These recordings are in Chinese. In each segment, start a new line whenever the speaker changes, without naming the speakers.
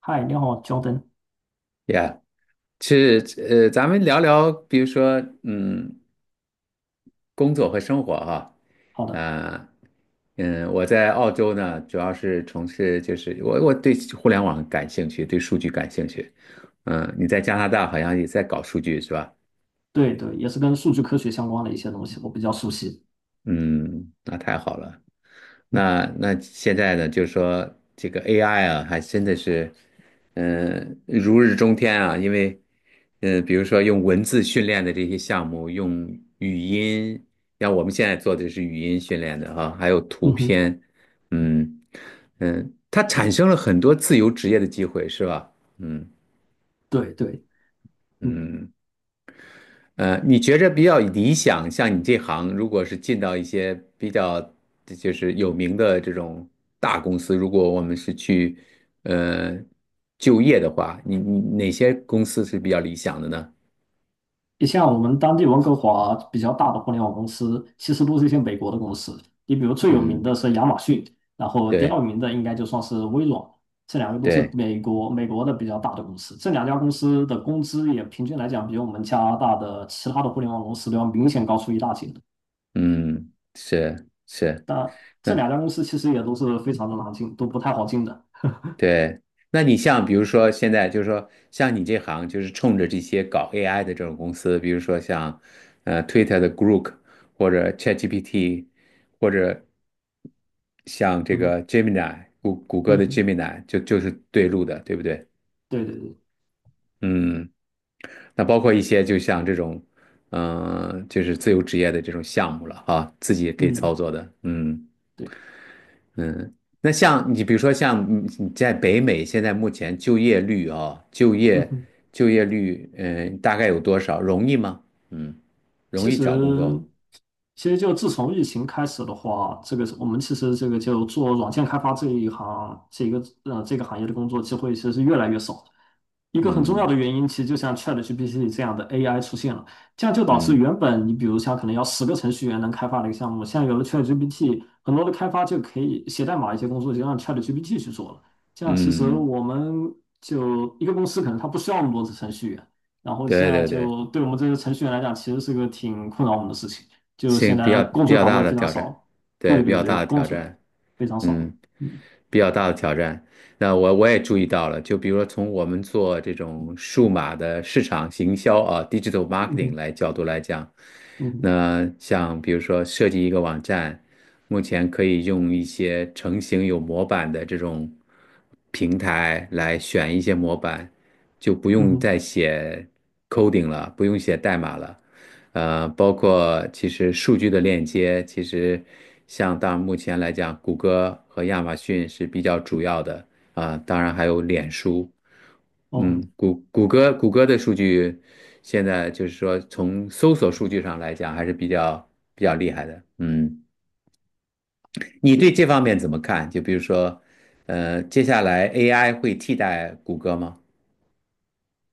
嗨，你好，Jordan。
呀，其实咱们聊聊，比如说，工作和生活哈。
好的，
啊，我在澳洲呢，主要是从事我对互联网感兴趣，对数据感兴趣。嗯，你在加拿大好像也在搞数据是吧？
对对，也是跟数据科学相关的一些东西，我比较熟悉。
嗯，那太好了。
嗯
那现在呢，就是说这个 AI 啊，还真的是，如日中天啊。因为，比如说用文字训练的这些项目，用语音，像我们现在做的是语音训练的哈、还有
嗯
图
哼，
片。嗯嗯，它产生了很多自由职业的机会，是吧？嗯
对对，嗯，
嗯，呃，你觉着比较理想，像你这行，如果是进到一些比较就是有名的这种大公司，如果我们是去呃就业的话，你哪些公司是比较理想的呢？
你像我们当地温哥华比较大的互联网公司，其实都是一些美国的公司。你比如最有名
嗯，
的是亚马逊，然后第
对
二名的应该就算是微软，这两个都是
对，
美国的比较大的公司。这两家公司的工资也平均来讲，比我们加拿大的其他的互联网公司都要明显高出一大截的。
嗯，是是。
这
那
两家公司其实也都是非常的难进，都不太好进的。
对，那你像比如说现在就是说像你这行就是冲着这些搞 AI 的这种公司，比如说像Twitter 的 Grok 或者 ChatGPT 或者像这
嗯哼。
个 Gemini 谷谷歌
嗯
的
哼。
Gemini 就是对路的，对不对？
对对对。
嗯，那包括一些就像这种就是自由职业的这种项目了啊，自己也可以操
嗯，
作的，嗯。
对。
那像你比如说像嗯你在北美现在目前就业率啊、就
嗯
业
哼。
就业率嗯、呃大概有多少？容易吗？嗯，容
其
易找工作吗？
实其实就自从疫情开始的话，这个是我们其实这个就做软件开发这一行，这个这个行业的工作机会其实是越来越少的。一个很重要的
嗯
原因，其实就像 ChatGPT 这样的 AI 出现了，这样就导致
嗯
原本你比如像可能要10个程序员能开发的一个项目，现在有了 ChatGPT，很多的开发就可以写代码一些工作就让 ChatGPT 去做了。这样其实
嗯，
我们就一个公司可能它不需要那么多的程序员，然后现
对
在
对对，
就对我们这些程序员来讲，其实是个挺困扰我们的事情。就现
性
在工
比
作
较
岗
大
位
的
非常
挑战，
少，对
对比
对
较
对，
大的
工
挑
作
战，
非常少。
嗯。
嗯
比较大的挑战。那我也注意到了，就比如说从我们做这种数码的市场行销啊，digital
嗯
marketing
哼。
来角度来讲，
嗯哼。
那像比如说设计一个网站，目前可以用一些成型有模板的这种平台来选一些模板，就不
嗯
用
哼。
再写 coding 了，不用写代码了。呃，包括其实数据的链接，其实像到目前来讲，谷歌和亚马逊是比较主要的，啊，当然还有脸书。嗯，
哦。
谷歌的数据现在就是说从搜索数据上来讲还是比较厉害的。嗯，你对这方面怎么看？就比如说，呃，接下来 AI 会替代谷歌吗？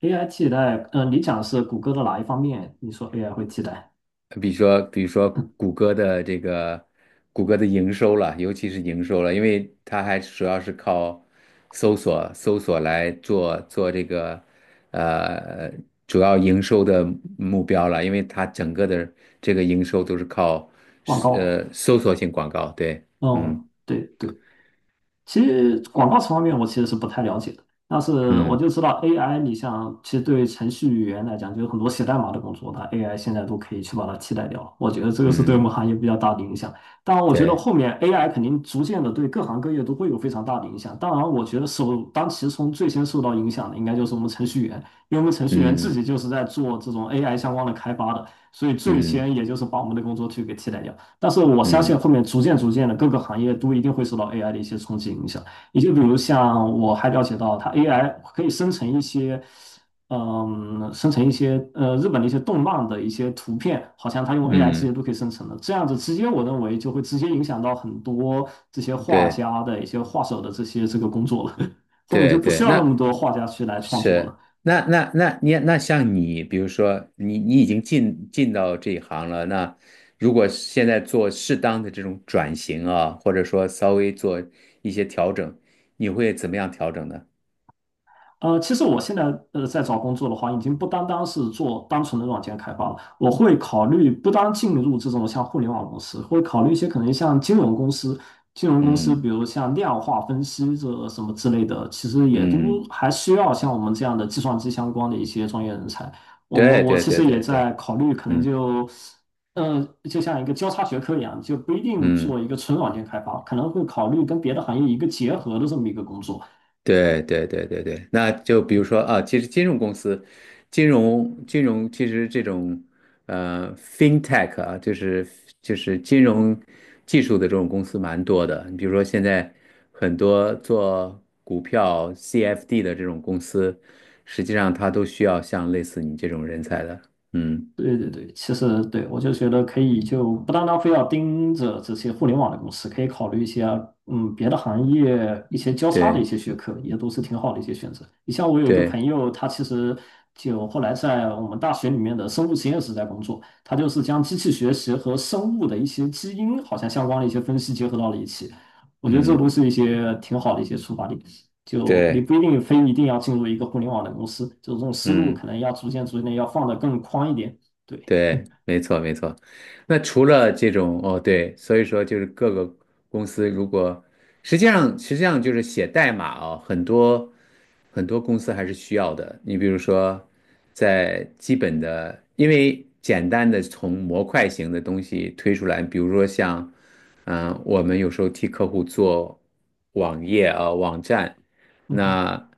AI 替代，你讲的是谷歌的哪一方面？你说 AI 会替代
比如说，比如说谷歌的这个谷歌的营收了，尤其是营收了，因为它还主要是靠搜索来做这个呃主要营收的目标了，因为它整个的这个营收都是靠
广告？
搜索性广告。对，嗯
嗯，对对，其实广告词方面我其实是不太了解的，但是我
嗯
就知道 AI，你像其实对程序员来讲，就有很多写代码的工作，它 AI 现在都可以去把它替代掉。我觉得这个是对我
嗯，
们行业比较大的影响。当然，我觉得
对，
后面 AI 肯定逐渐的对各行各业都会有非常大的影响。当然，我觉得首当其冲最先受到影响的应该就是我们程序员，因为我们程序员自
嗯
己就是在做这种 AI 相关的开发的，所以最
嗯
先也就是把我们的工作去给替代掉。但是我相信
嗯
后面逐渐逐渐的各个行业都一定会受到 AI 的一些冲击影响。你就比如像我还了解到，它 AI 可以生成一些，嗯，生成一些日本的一些动漫的一些图片，好像它用 AI 直接
嗯，
都可以生成的。这样子直接我认为就会直接影响到很多这些画
对
家的一些画手的这些这个工作了。后面就
对
不需
对。
要那
那
么多画家去来创作了。
是，那那那你那像你，比如说你已经进到这一行了，那如果现在做适当的这种转型啊，或者说稍微做一些调整，你会怎么样调整呢？
其实我现在在找工作的话，已经不单单是做单纯的软件开发了，我会考虑不单进入这种像互联网公司，会考虑一些可能像金融公司，金融公司比
嗯
如像量化分析这什么之类的，其实也都
嗯，
还需要像我们这样的计算机相关的一些专业人才。我们
对
我
对
其
对
实也
对对，
在考虑，可能
嗯
就呃就像一个交叉学科一样，就不一定做
嗯。
一个纯软件开发，可能会考虑跟别的行业一个结合的这么一个工作。
对对对对对，那就比如说啊，其实金融公司，金融其实这种fintech 啊，就是金融技术的这种公司蛮多的。你比如说现在很多做股票 CFD 的这种公司，实际上它都需要像类似你这种人才的。嗯，
对对对，其实对我就觉得可以，就不单单非要盯着这些互联网的公司，可以考虑一些别的行业一些交叉的一
对
些学科，也都是挺好的一些选择。你像我有一个
对，
朋友，他其实就后来在我们大学里面的生物实验室在工作，他就是将机器学习和生物的一些基因好像相关的一些分析结合到了一起，我觉得这都
嗯
是一些挺好的一些出发点。就你
对，
不一定非一定要进入一个互联网的公司，就这种思路
嗯。
可能要逐渐逐渐地要放得更宽一点。对，
对，没错没错。那除了这种，哦，对，所以说就是各个公司如果实际上就是写代码哦，很多公司还是需要的。你比如说，在基本的，因为简单的从模块型的东西推出来，比如说像，我们有时候替客户做网页啊、网站。
嗯哼，
那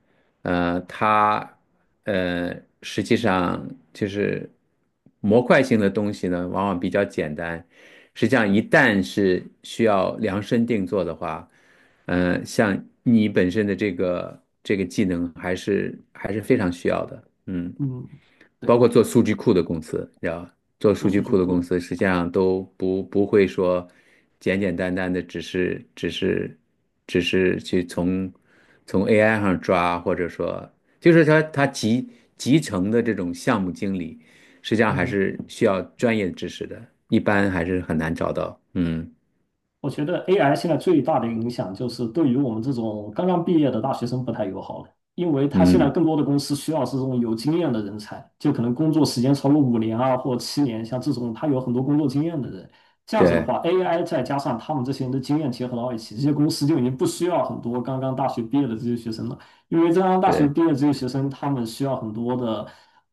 呃，它呃，实际上就是模块性的东西呢，往往比较简单。实际上，一旦是需要量身定做的话，嗯，像你本身的这个技能，还是非常需要的。嗯，
嗯，
包
对，
括做数据库的公司，你做
做
数
数
据
据
库的
库
公
的，
司实际上都不会说简简单单的只是去从 AI 上抓，或者说就是说它集成的这种项目经理，实际上
嗯
还
哼。
是需要专业知识的，一般还是很难找到。嗯
我觉得 AI 现在最大的影响就是对于我们这种刚刚毕业的大学生不太友好了，因为他现在
嗯，
更多的公司需要是这种有经验的人才，就可能工作时间超过5年啊或7年，像这种他有很多工作经验的人。这样子的
对
话，AI 再加上他们这些人的经验结合到一起，这些公司就已经不需要很多刚刚大学毕业的这些学生了，因为刚刚大学毕
对
业的这些学生，他们需要很多的。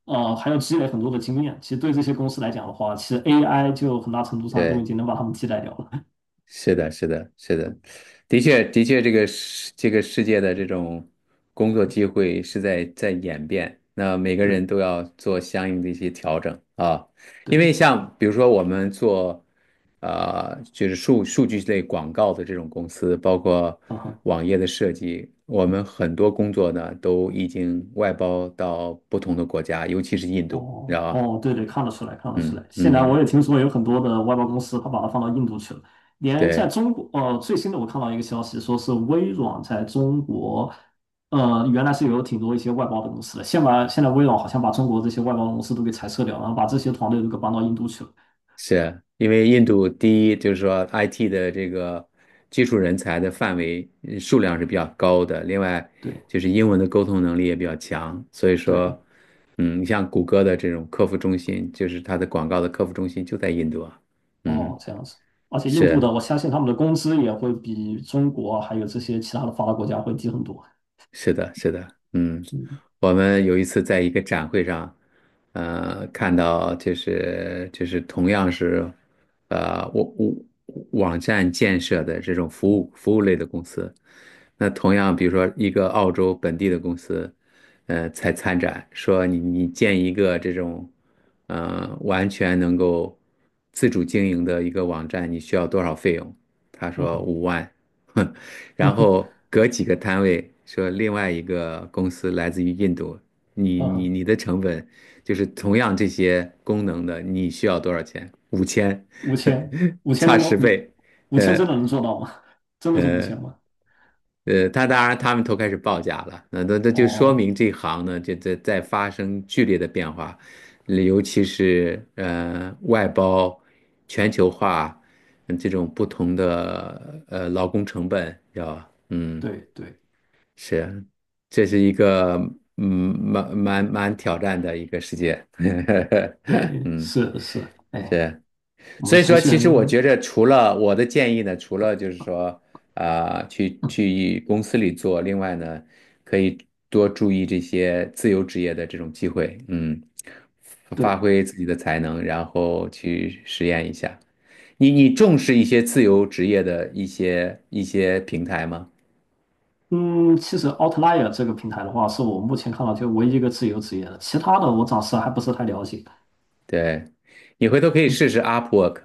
还要积累很多的经验，其实对这些公司来讲的话，其实 AI 就很大程度上都已
对。
经能把他们替代掉了。
是的，是的，是的，的确，的确，这个世界的这种工作机会是在演变，那每 个
对。
人都要做相应的一些调整啊。因
对，
为像比如说我们做，呃，就是数据类广告的这种公司，包括
嗯哼。
网页的设计，我们很多工作呢都已经外包到不同的国家，尤其是印度，你知
哦
道吧？
哦，对对，看得出来，看得出来。
嗯
现在我也
嗯，
听说有很多的外包公司，他把它放到印度去了。连在
对。
中国，最新的我看到一个消息，说是微软在中国，原来是有挺多一些外包的公司的，现在微软好像把中国这些外包公司都给裁撤掉，然后把这些团队都给搬到印度去了。
是因为印度第一就是说 IT 的这个技术人才的范围数量是比较高的，另外
对
就是英文的沟通能力也比较强，所以
对，
说，嗯，你像谷歌的这种客服中心，就是它的广告的客服中心就在印度啊。嗯，
哦，这样子。而且印度的，
是。
我相信他们的工资也会比中国还有这些其他的发达国家会低很多。
是的，是的，嗯，
嗯
我们有一次在一个展会上，呃，看到就是同样是，呃，我我网站建设的这种服务类的公司，那同样比如说一个澳洲本地的公司，呃，才参展说你建一个这种，呃，完全能够自主经营的一个网站，你需要多少费用？他
嗯
说
哼。
50000。然后隔几个摊位说另外一个公司来自于印度，你
嗯
你
哼。
你的成本就是同样这些功能的，你需要多少钱？5000。
五千，五 千
差
能够
十
五
倍，
五千
呃
真的能做到吗？真的是五
呃
千吗？
他当然他们都开始报价了，那就说
哦，
明这行呢，这在发生剧烈的变化，尤其是外包、全球化，嗯这种不同的劳工成本要嗯。
对对
是，这是一个嗯，蛮挑战的一个世界。
对，
嗯，
是是，哎，
是，
我们
所以
程
说，
序
其
员
实我觉着，除了我的建议呢，除了就是说，啊、去公司里做，另外呢，可以多注意这些自由职业的这种机会，嗯，
对，
发挥自己的才能，然后去实验一下。你重视一些自由职业的一些平台吗？
嗯，其实 Outlier 这个平台的话，是我目前看到就唯一一个自由职业的，其他的我暂时还不是太了解。
对，你回头可以
嗯
试试 Upwork。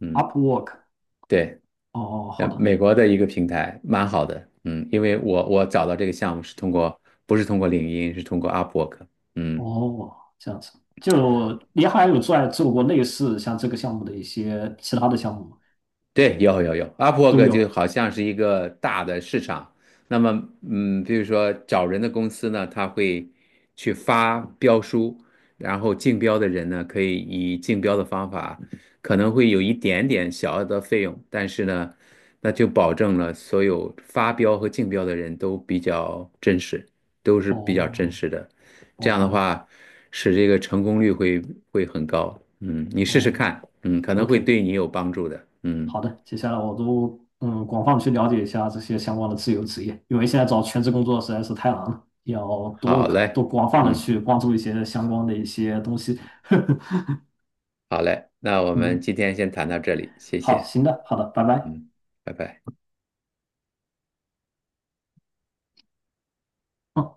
嗯，
，Upwork，
对，
哦，好
呃，
的，
美国的一个平台蛮好的，嗯，因为我找到这个项目是通过，不是通过领英，是通过 Upwork。嗯，
哦，这样子，就你还有在做过类似像这个项目的一些其他的项目吗？
对，有有有
都
，Upwork 就
有，
好像是一个大的市场。那么，嗯，比如说找人的公司呢，他会去发标书，然后竞标的人呢，可以以竞标的方法，可能会有一点点小额的费用，但是呢，那就保证了所有发标和竞标的人都比较真实，都是比较真
哦
实的。这样的
哦
话，使这个成功率会很高。嗯，你试试看，
哦
嗯，可能会
，OK。
对你有帮助的。
好
嗯。
的，接下来我都广泛地去了解一下这些相关的自由职业，因为现在找全职工作实在是太难了，要多
好嘞，
多广泛的
嗯，
去关注一些相关的一些东西。
好嘞，那我们
嗯，
今天先谈到这里，谢
好，
谢，
行的，好的，拜拜。
嗯，拜拜。
嗯。